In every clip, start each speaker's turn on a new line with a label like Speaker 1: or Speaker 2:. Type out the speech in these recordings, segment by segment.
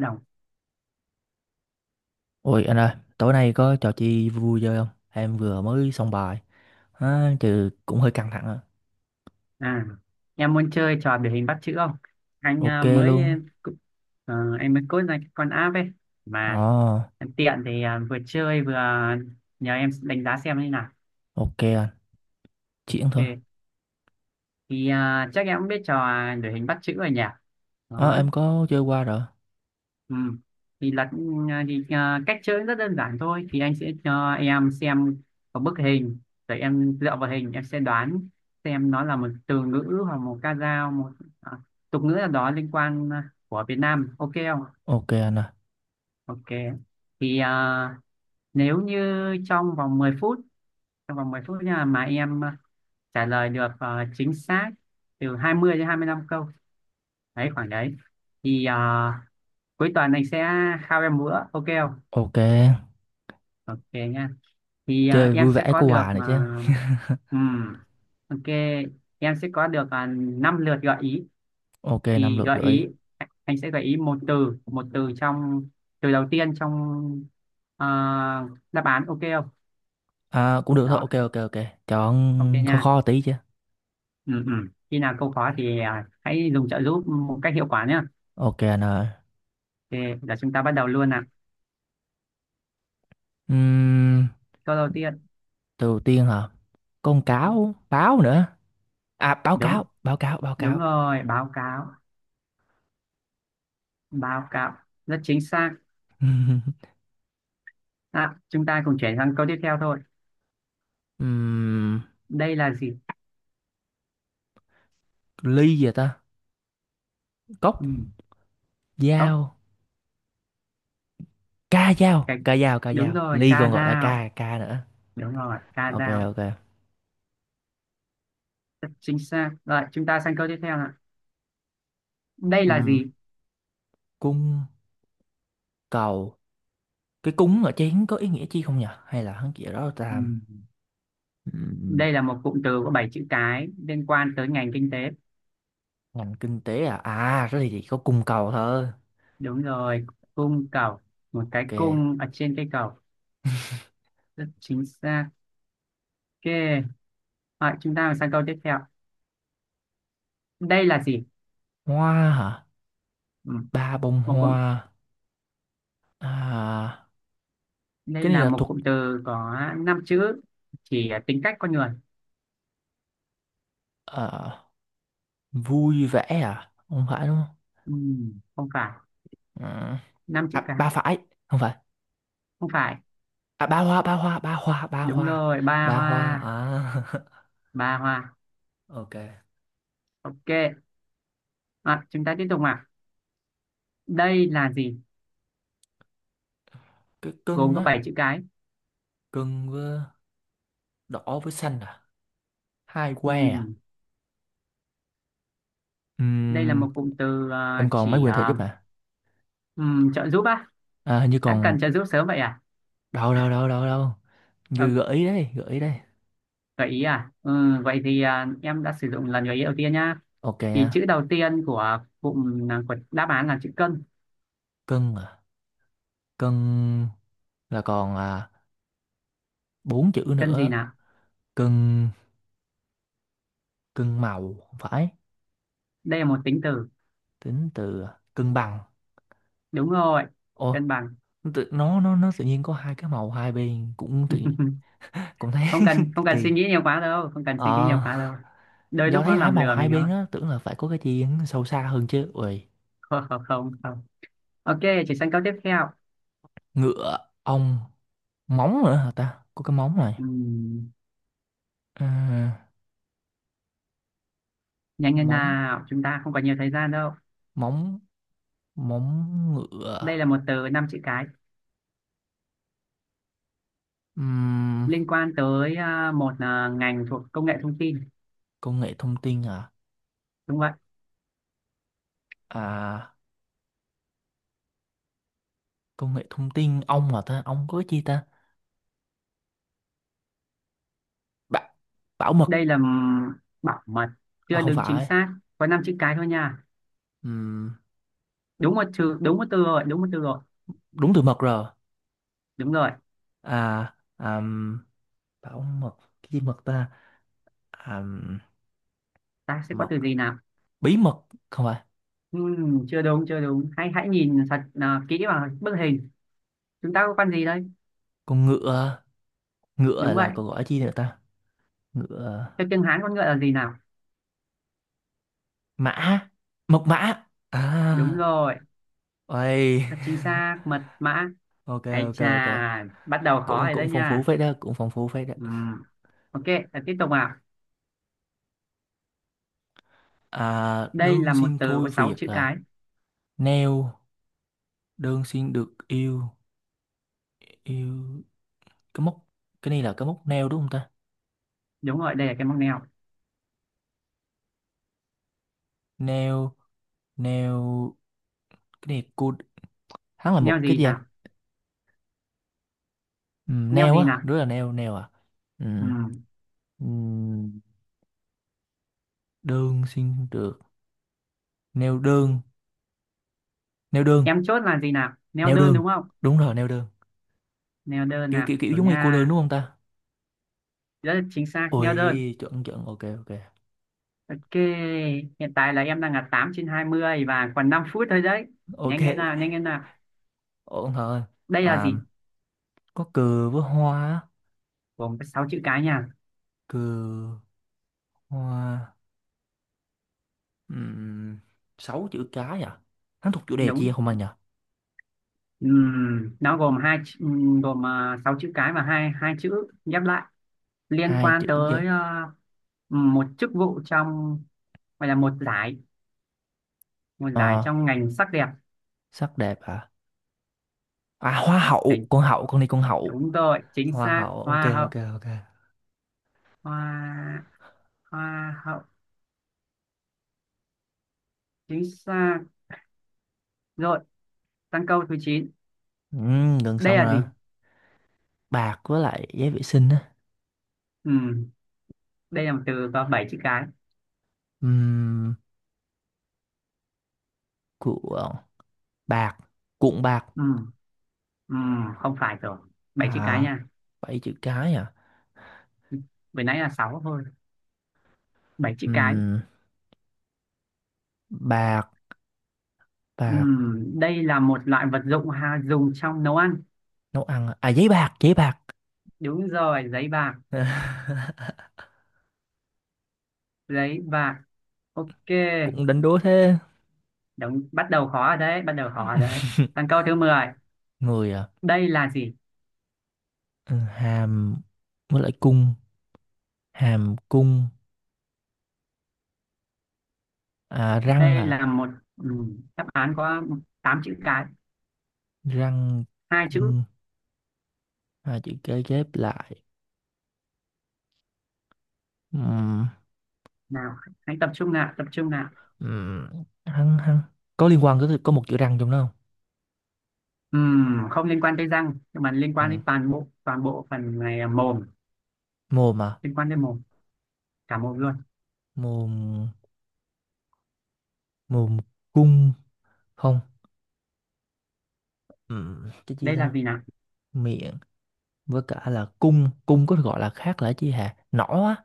Speaker 1: đồng.
Speaker 2: Ôi anh ơi, tối nay có trò chi vui vui chơi không? Em vừa mới xong bài, trừ cũng hơi căng thẳng ạ.
Speaker 1: à em muốn chơi trò biểu hình bắt chữ không anh?
Speaker 2: Ok luôn.
Speaker 1: Em mới code ra cái con app ấy
Speaker 2: Ồ,
Speaker 1: mà em tiện thì, vừa chơi vừa, nhờ em đánh giá xem như nào.
Speaker 2: ok anh, chuyển thôi.
Speaker 1: Ok, thì chắc em cũng biết trò biểu hình bắt chữ rồi nhỉ.
Speaker 2: Ờ,
Speaker 1: Đó.
Speaker 2: em có chơi qua rồi.
Speaker 1: Ừ. Thì là, cách chơi rất đơn giản thôi, thì anh sẽ cho em xem một bức hình, rồi em dựa vào hình em sẽ đoán xem nó là một từ ngữ hoặc một ca dao, một à, tục ngữ nào đó liên quan, của Việt Nam. Ok không?
Speaker 2: Ok anh à,
Speaker 1: Ok. Thì nếu như trong vòng 10 phút, nha, mà em trả lời được, chính xác từ 20 đến 25 câu đấy, khoảng đấy, thì cuối tuần anh sẽ khao em bữa. Ok không?
Speaker 2: ok.
Speaker 1: Ok nha. Thì
Speaker 2: Chơi
Speaker 1: em
Speaker 2: vui
Speaker 1: sẽ
Speaker 2: vẻ
Speaker 1: có
Speaker 2: có
Speaker 1: được,
Speaker 2: quà này chứ.
Speaker 1: ừm, ok, em sẽ có được, 5 lượt gợi ý.
Speaker 2: Ok, năm
Speaker 1: Thì
Speaker 2: lượt
Speaker 1: gợi
Speaker 2: gửi.
Speaker 1: ý, anh sẽ gợi ý một từ trong, từ đầu tiên trong à, đáp án. Ok không?
Speaker 2: Cũng được thôi, ok
Speaker 1: Đó,
Speaker 2: ok ok.
Speaker 1: ok
Speaker 2: Chọn
Speaker 1: nha.
Speaker 2: khó khó tí chứ.
Speaker 1: ừ, ừ. Khi nào câu khó thì hãy dùng trợ giúp một cách hiệu quả nhé.
Speaker 2: Ok anh ơi.
Speaker 1: Thì để chúng ta bắt đầu luôn nào.
Speaker 2: Uhm,
Speaker 1: Câu đầu tiên.
Speaker 2: từ đầu tiên hả? Con cáo, báo nữa. À, báo
Speaker 1: Đúng,
Speaker 2: cáo, báo cáo, báo
Speaker 1: đúng
Speaker 2: cáo.
Speaker 1: rồi, báo cáo, báo cáo, rất chính xác. Chúng ta cùng chuyển sang câu tiếp theo thôi.
Speaker 2: Ừm,
Speaker 1: Đây là gì?
Speaker 2: ly gì vậy ta? Cốc.
Speaker 1: Ừ. Có.
Speaker 2: Dao. Ca dao,
Speaker 1: Cái,
Speaker 2: ca dao, ca
Speaker 1: đúng
Speaker 2: dao.
Speaker 1: rồi,
Speaker 2: Ly
Speaker 1: ca
Speaker 2: còn gọi là
Speaker 1: dao.
Speaker 2: ca ca nữa.
Speaker 1: Đúng rồi, ca
Speaker 2: Ok
Speaker 1: dao.
Speaker 2: ok.
Speaker 1: Rất chính xác. Rồi, chúng ta sang câu tiếp theo ạ. Đây là
Speaker 2: Ừm,
Speaker 1: gì?
Speaker 2: Cung cầu. Cái cúng ở chén có ý nghĩa chi không nhỉ? Hay là hắn chỉ đó là ta.
Speaker 1: Ừm,
Speaker 2: ừm,
Speaker 1: Đây là một cụm từ có 7 chữ cái liên quan tới ngành kinh tế.
Speaker 2: Ngành kinh tế à? À thế thì chỉ có cung cầu thôi.
Speaker 1: Đúng rồi, cung cầu. Một cái
Speaker 2: Ok.
Speaker 1: cung ở trên cây cầu. Rất chính xác. Ok. Rồi, chúng ta sang câu tiếp theo. Đây là gì?
Speaker 2: Hoa hả?
Speaker 1: Ừm,
Speaker 2: Ba bông
Speaker 1: Một cụm,
Speaker 2: hoa. À,
Speaker 1: đây
Speaker 2: cái này
Speaker 1: là
Speaker 2: là
Speaker 1: một
Speaker 2: thuộc
Speaker 1: cụm từ có 5 chữ chỉ tính cách con người.
Speaker 2: ờ, vui vẻ à? Không phải đúng không?
Speaker 1: Không phải.
Speaker 2: Ừm,
Speaker 1: Năm chữ
Speaker 2: À,
Speaker 1: cái.
Speaker 2: ba phải. Không phải.
Speaker 1: Không phải.
Speaker 2: À, ba hoa, ba hoa, ba hoa, ba
Speaker 1: Đúng
Speaker 2: hoa.
Speaker 1: rồi, ba
Speaker 2: Ba hoa
Speaker 1: hoa.
Speaker 2: à?
Speaker 1: Ba hoa.
Speaker 2: Ok.
Speaker 1: Ok, chúng ta tiếp tục ạ. Đây là gì?
Speaker 2: Cái cưng
Speaker 1: Gồm có
Speaker 2: á.
Speaker 1: 7 chữ cái.
Speaker 2: Cưng với đỏ với xanh à? Hai que à?
Speaker 1: Ừm, Đây là
Speaker 2: Ừm,
Speaker 1: một cụm từ
Speaker 2: em còn mấy
Speaker 1: chỉ
Speaker 2: quyền trợ giúp hả?
Speaker 1: trợ giúp á.
Speaker 2: À, hình như
Speaker 1: Đã
Speaker 2: còn.
Speaker 1: cần trợ giúp sớm vậy à?
Speaker 2: Đâu đâu đâu đâu đâu, như
Speaker 1: Ờ,
Speaker 2: gợi ý đây, gợi ý đây.
Speaker 1: gợi ý à? Ừ, vậy thì em đã sử dụng lần gợi ý đầu tiên nhá.
Speaker 2: Ok nha.
Speaker 1: Thì chữ đầu tiên của cụm, của đáp án là chữ cân.
Speaker 2: Cưng à? Cưng là còn 4 chữ
Speaker 1: Cân gì
Speaker 2: nữa.
Speaker 1: nào?
Speaker 2: Cưng, cưng màu không phải.
Speaker 1: Đây là một tính từ.
Speaker 2: Tính từ. Cân bằng.
Speaker 1: Đúng rồi,
Speaker 2: Ô,
Speaker 1: cân bằng.
Speaker 2: nó nó tự nhiên có hai cái màu hai bên cũng tự, cũng thấy
Speaker 1: Không cần,
Speaker 2: kỳ
Speaker 1: không cần suy
Speaker 2: kỳ.
Speaker 1: nghĩ nhiều quá đâu, không cần suy nghĩ
Speaker 2: Ờ,
Speaker 1: nhiều quá đâu. Đôi
Speaker 2: do
Speaker 1: lúc
Speaker 2: thấy
Speaker 1: nó
Speaker 2: hai
Speaker 1: làm
Speaker 2: màu
Speaker 1: lừa
Speaker 2: hai
Speaker 1: mình
Speaker 2: bên
Speaker 1: đó.
Speaker 2: á, tưởng là phải có cái gì sâu xa hơn chứ, ui.
Speaker 1: Không, không, không. Ok, chuyển sang câu tiếp theo.
Speaker 2: Ngựa. Ong. Móng nữa hả ta, có cái móng này.
Speaker 1: Ừm,
Speaker 2: Ờ,
Speaker 1: nhanh lên
Speaker 2: móng,
Speaker 1: nào, chúng ta không có nhiều thời gian đâu.
Speaker 2: móng, móng
Speaker 1: Đây
Speaker 2: ngựa.
Speaker 1: là một từ năm chữ cái
Speaker 2: Ừm,
Speaker 1: liên quan tới một ngành thuộc công nghệ thông tin.
Speaker 2: công nghệ thông tin hả?
Speaker 1: Đúng vậy.
Speaker 2: À, công nghệ thông tin, ong hả ta, ong có cái chi ta. Bảo, bảo mật.
Speaker 1: Đây là bảo mật, chưa
Speaker 2: Không
Speaker 1: đứng chính
Speaker 2: phải.
Speaker 1: xác. Có năm chữ cái thôi nha.
Speaker 2: Ừm,
Speaker 1: Đúng một chữ, đúng một từ rồi, đúng một từ rồi.
Speaker 2: đúng từ mật rồi.
Speaker 1: Đúng rồi.
Speaker 2: à àm, bảo mật, cái gì mật ta? à,
Speaker 1: Ta sẽ có
Speaker 2: mật,
Speaker 1: từ gì nào?
Speaker 2: bí mật. Không phải.
Speaker 1: Chưa đúng, chưa đúng, hãy hãy nhìn thật kỹ vào bức hình. Chúng ta có con gì đây?
Speaker 2: Con ngựa. Ngựa
Speaker 1: Đúng vậy.
Speaker 2: là còn gọi là chi nữa ta? Ngựa.
Speaker 1: Theo tiếng Hán con ngựa là gì nào?
Speaker 2: Mã. Mật mã à?
Speaker 1: Đúng rồi,
Speaker 2: Ôi,
Speaker 1: thật chính xác, mật mã.
Speaker 2: ok
Speaker 1: Ấy
Speaker 2: ok
Speaker 1: chà,
Speaker 2: ok.
Speaker 1: bắt đầu khó
Speaker 2: Cũng
Speaker 1: rồi
Speaker 2: cũng
Speaker 1: đấy
Speaker 2: phong phú
Speaker 1: nha.
Speaker 2: phết đó, cũng phong phú phết đó.
Speaker 1: Ừ. Ok, là tiếp tục.
Speaker 2: À,
Speaker 1: Đây
Speaker 2: đơn
Speaker 1: là một
Speaker 2: xin
Speaker 1: từ có
Speaker 2: thôi
Speaker 1: 6
Speaker 2: việc
Speaker 1: chữ
Speaker 2: à?
Speaker 1: cái.
Speaker 2: Nail. Đơn xin được yêu, yêu. Cái móc. Cái này là cái móc nail đúng không ta?
Speaker 1: Đúng rồi, đây là cái móc neo.
Speaker 2: Nail, nail. Cái này, cô, hắn là
Speaker 1: Neo
Speaker 2: một cái
Speaker 1: gì
Speaker 2: gì anh.
Speaker 1: nào?
Speaker 2: Ừ,
Speaker 1: Neo
Speaker 2: nail
Speaker 1: gì
Speaker 2: á,
Speaker 1: nào?
Speaker 2: đứa là nail, nail à. Ừ.
Speaker 1: Ừ.
Speaker 2: Ừ, đơn xin được. Nail đơn. Nail đơn.
Speaker 1: Em chốt là gì nào? Neo
Speaker 2: Nail
Speaker 1: đơn
Speaker 2: đơn,
Speaker 1: đúng không?
Speaker 2: đúng rồi, nail đơn.
Speaker 1: Neo đơn
Speaker 2: Kiểu
Speaker 1: nào?
Speaker 2: kiểu kiểu
Speaker 1: Rồi
Speaker 2: giống như cô đơn
Speaker 1: nha.
Speaker 2: đúng không ta?
Speaker 1: Rất là chính xác, neo đơn.
Speaker 2: Ôi, chuẩn chuẩn, ok ok
Speaker 1: Ok, hiện tại là em đang là 8 trên 20 và còn 5 phút thôi đấy.
Speaker 2: ok.
Speaker 1: Nhanh lên nào, nhanh lên nào.
Speaker 2: Ủa ông thợ ơi,
Speaker 1: Đây là
Speaker 2: à,
Speaker 1: gì?
Speaker 2: có cừ với hoa, á.
Speaker 1: Gồm có 6 chữ cái nha.
Speaker 2: Cừ, hoa. um, 6 chữ cái à? Hắn thuộc chủ đề chi
Speaker 1: Đúng.
Speaker 2: không anh nhỉ?
Speaker 1: Nó gồm 6 chữ cái và hai hai chữ ghép lại. Liên
Speaker 2: Hai
Speaker 1: quan
Speaker 2: chữ ghép.
Speaker 1: tới ờ, một chức vụ trong, gọi là một giải, một giải
Speaker 2: Ờ,
Speaker 1: trong ngành sắc đẹp.
Speaker 2: sắc đẹp à? À, hoa
Speaker 1: Đấy,
Speaker 2: hậu, con đi con hậu.
Speaker 1: đúng rồi, chính
Speaker 2: Hoa
Speaker 1: xác,
Speaker 2: hậu, ok
Speaker 1: hoa hậu.
Speaker 2: ok ok.
Speaker 1: Hoa, hoa hậu, chính xác. Rồi sang câu thứ chín.
Speaker 2: Gần
Speaker 1: Đây
Speaker 2: xong
Speaker 1: là
Speaker 2: rồi.
Speaker 1: gì?
Speaker 2: Bạc với lại giấy vệ sinh á.
Speaker 1: Ừ, đây là một từ có 7 chữ cái.
Speaker 2: Ừm, của bạc, cuộn bạc.
Speaker 1: ừ, ừ, không phải rồi. Bảy chữ cái
Speaker 2: À,
Speaker 1: nha,
Speaker 2: 7 chữ cái à?
Speaker 1: vừa nãy là 6 thôi. Bảy chữ cái.
Speaker 2: Ừm, bạc,
Speaker 1: Ừ,
Speaker 2: bạc.
Speaker 1: đây là một loại vật dụng ha, dùng trong nấu ăn.
Speaker 2: Nấu ăn à? À, giấy bạc, giấy bạc.
Speaker 1: Đúng rồi, giấy bạc, giấy bạc. Ok.
Speaker 2: Cũng đánh đố thế.
Speaker 1: Đúng, bắt đầu khó rồi đấy, bắt đầu khó rồi đấy. Còn câu thứ mười,
Speaker 2: Người à.
Speaker 1: đây là gì?
Speaker 2: Ừ, hàm với lại cung, hàm cung, à, răng
Speaker 1: Đây
Speaker 2: à.
Speaker 1: là một, ừ, đáp án có 8 chữ cái,
Speaker 2: Răng.
Speaker 1: hai
Speaker 2: Cung.
Speaker 1: chữ
Speaker 2: Hai chữ kế ghép lại. Ừm,
Speaker 1: nào. Hãy tập trung nào, tập trung nào.
Speaker 2: hăng hăng, có liên quan, có một chữ răng trong đó không?
Speaker 1: Không liên quan tới răng, nhưng mà liên quan
Speaker 2: Ừm,
Speaker 1: đến toàn bộ phần này là mồm,
Speaker 2: mồm à.
Speaker 1: liên quan đến mồm, cả mồm luôn.
Speaker 2: Mồm. Mồm cung. Không. Cái gì
Speaker 1: Đây là
Speaker 2: ta?
Speaker 1: gì nào?
Speaker 2: Miệng. Với cả là cung, cung có gọi là khác là chi hả, nỏ á.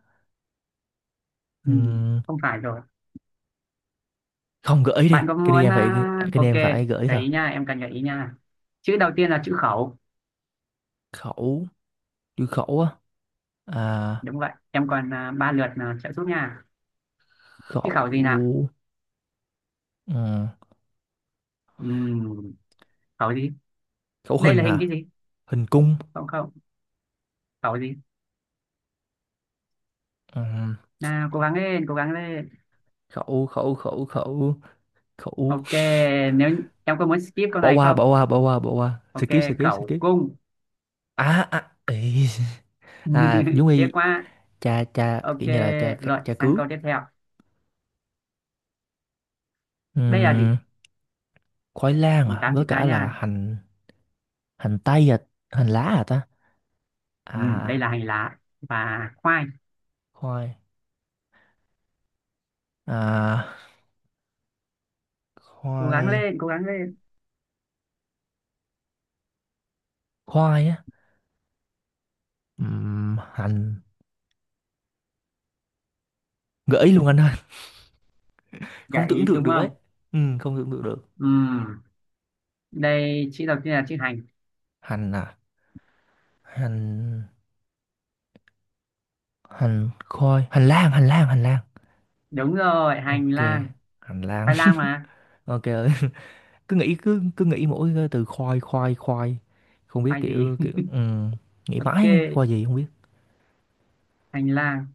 Speaker 2: Ừm,
Speaker 1: Không phải rồi.
Speaker 2: không, gợi ý đi,
Speaker 1: Bạn có
Speaker 2: cái này
Speaker 1: muốn,
Speaker 2: em phải, cái này
Speaker 1: ok,
Speaker 2: em phải gợi ý
Speaker 1: gợi
Speaker 2: thôi.
Speaker 1: ý nha, em cần gợi ý nha. Chữ đầu tiên là chữ khẩu,
Speaker 2: Khẩu. Chữ khẩu á? À,
Speaker 1: đúng vậy. Em còn ba lượt trợ giúp nha. Chữ
Speaker 2: khẩu.
Speaker 1: khẩu gì nào?
Speaker 2: Ừ,
Speaker 1: Ừm, khẩu gì?
Speaker 2: khẩu
Speaker 1: Đây
Speaker 2: hình
Speaker 1: là hình cái
Speaker 2: à?
Speaker 1: gì?
Speaker 2: Hình cung.
Speaker 1: Không, không. Khẩu gì
Speaker 2: Ừ,
Speaker 1: nào? Cố gắng lên, cố gắng lên.
Speaker 2: khẩu, khẩu, khẩu, khẩu, khẩu.
Speaker 1: Ok, nếu em có muốn skip câu
Speaker 2: Bỏ
Speaker 1: này
Speaker 2: qua,
Speaker 1: không?
Speaker 2: bỏ qua, bỏ qua, bỏ qua,
Speaker 1: Ok,
Speaker 2: skip, skip,
Speaker 1: khẩu
Speaker 2: skip.
Speaker 1: cung.
Speaker 2: À, à, ý. À giống
Speaker 1: Tiếc
Speaker 2: y,
Speaker 1: quá.
Speaker 2: cha cha
Speaker 1: Ok,
Speaker 2: kiểu như là cha.
Speaker 1: rồi
Speaker 2: Cha
Speaker 1: sang
Speaker 2: cứu.
Speaker 1: câu tiếp theo. Đây là gì?
Speaker 2: Ừm, khoai lang à,
Speaker 1: Tám
Speaker 2: với
Speaker 1: chữ
Speaker 2: cả
Speaker 1: cái
Speaker 2: là
Speaker 1: nha.
Speaker 2: hành. Hành tây à? Hành lá à ta?
Speaker 1: Ừ, đây
Speaker 2: À,
Speaker 1: là hành lá và khoai.
Speaker 2: khoai. À,
Speaker 1: Cố gắng
Speaker 2: khoai.
Speaker 1: lên, cố gắng lên.
Speaker 2: Khoai á. Hành. Gợi ý luôn anh ơi, không
Speaker 1: Gợi
Speaker 2: tưởng
Speaker 1: ý
Speaker 2: tượng
Speaker 1: đúng
Speaker 2: được ấy,
Speaker 1: không?
Speaker 2: ừ, không tưởng tượng được.
Speaker 1: Ừ, đây chữ đầu tiên là chữ hành.
Speaker 2: Hành à? Hành, hành khói, hành lang, hành lang, hành lang.
Speaker 1: Đúng rồi, hành
Speaker 2: Ok,
Speaker 1: lang.
Speaker 2: hành lang.
Speaker 1: Khoai lang mà.
Speaker 2: Ok ơi. Cứ nghĩ, cứ cứ nghĩ mỗi cái từ khoai, khoai, khoai, không biết,
Speaker 1: Khoai gì?
Speaker 2: kiểu kiểu, ừ, nghĩ
Speaker 1: Ok,
Speaker 2: mãi khoai gì không biết.
Speaker 1: hành lang.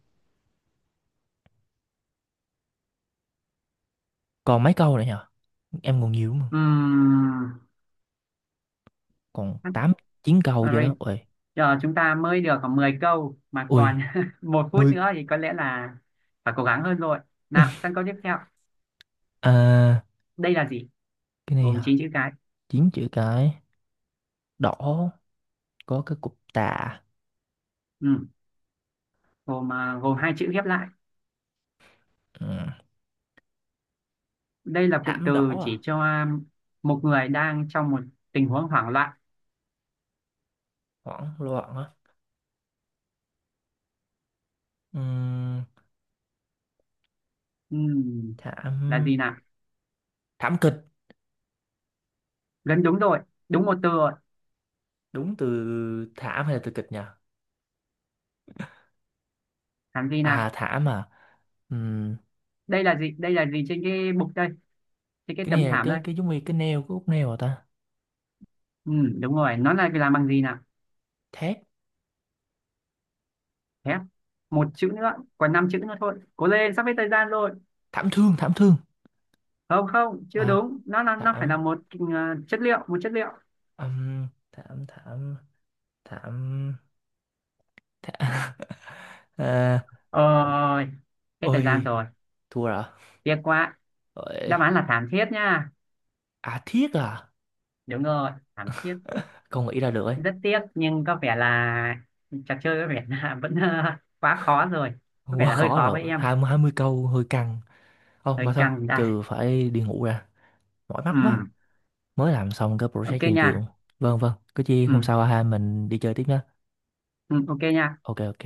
Speaker 2: Còn mấy câu nữa nhở? Em còn nhiều mà. Còn tám, chín
Speaker 1: Ừ,
Speaker 2: câu vậy đó, ui.
Speaker 1: giờ chúng ta mới được khoảng 10 câu mà
Speaker 2: Ui,
Speaker 1: còn một phút
Speaker 2: mười.
Speaker 1: nữa thì có lẽ là phải cố gắng hơn rồi. Nào, sang câu tiếp theo.
Speaker 2: À,
Speaker 1: Đây là gì?
Speaker 2: cái này
Speaker 1: Gồm 9
Speaker 2: hả?
Speaker 1: chữ cái.
Speaker 2: 9 chữ cái. Đỏ, có cái cục tạ.
Speaker 1: Ừ, gồm, gồm hai chữ ghép lại.
Speaker 2: Ừ.
Speaker 1: Đây là cụm
Speaker 2: Thảm đỏ
Speaker 1: từ chỉ
Speaker 2: à?
Speaker 1: cho một người đang trong một tình huống hoảng loạn.
Speaker 2: Hoảng loạn á. Ừ.
Speaker 1: Ừ, là gì
Speaker 2: Thảm.
Speaker 1: nào?
Speaker 2: Thảm kịch.
Speaker 1: Gần đúng rồi, đúng một từ rồi.
Speaker 2: Đúng từ thảm hay là từ kịch nhỉ?
Speaker 1: Làm gì nào?
Speaker 2: À, thảm à. Ừm,
Speaker 1: Đây là gì? Đây là gì trên cái bục đây, trên cái
Speaker 2: cái
Speaker 1: tấm
Speaker 2: này là
Speaker 1: thảm
Speaker 2: cái
Speaker 1: đây.
Speaker 2: cái giống như cái neo, cái út neo hả ta?
Speaker 1: Ừ, đúng rồi, nó là làm bằng gì nào?
Speaker 2: Thét.
Speaker 1: Thép. Một chữ nữa, còn năm chữ nữa thôi. Cố lên, sắp hết thời gian rồi.
Speaker 2: Thảm thương, thảm thương.
Speaker 1: Không, không, chưa
Speaker 2: À,
Speaker 1: đúng, nó phải là
Speaker 2: thảm.
Speaker 1: một ờ, chất liệu, một chất liệu.
Speaker 2: Thảm, thảm, thảm, thảm. À,
Speaker 1: Ôi, hết thời
Speaker 2: ôi.
Speaker 1: gian rồi.
Speaker 2: Thua rồi,
Speaker 1: Tiếc quá.
Speaker 2: ôi.
Speaker 1: Đáp án là thảm thiết nha.
Speaker 2: À, thiết à?
Speaker 1: Đúng rồi, thảm thiết.
Speaker 2: Không nghĩ ra được ấy.
Speaker 1: Rất tiếc nhưng có vẻ là trò chơi có vẻ là vẫn ờ, quá khó rồi. Có vẻ
Speaker 2: Quá
Speaker 1: là hơi
Speaker 2: khó
Speaker 1: khó
Speaker 2: rồi,
Speaker 1: với em.
Speaker 2: hai mươi câu hơi căng. Không mà
Speaker 1: Hơi
Speaker 2: thôi,
Speaker 1: căng đây.
Speaker 2: trừ phải đi ngủ ra, mỏi mắt
Speaker 1: Ừ,
Speaker 2: quá, mới làm xong cái project
Speaker 1: ok
Speaker 2: trên
Speaker 1: nha.
Speaker 2: trường. Vâng vâng, cứ chi
Speaker 1: Ừ,
Speaker 2: hôm sau ha, mình đi chơi tiếp nhé.
Speaker 1: ừ, ok nha.
Speaker 2: Ok ok.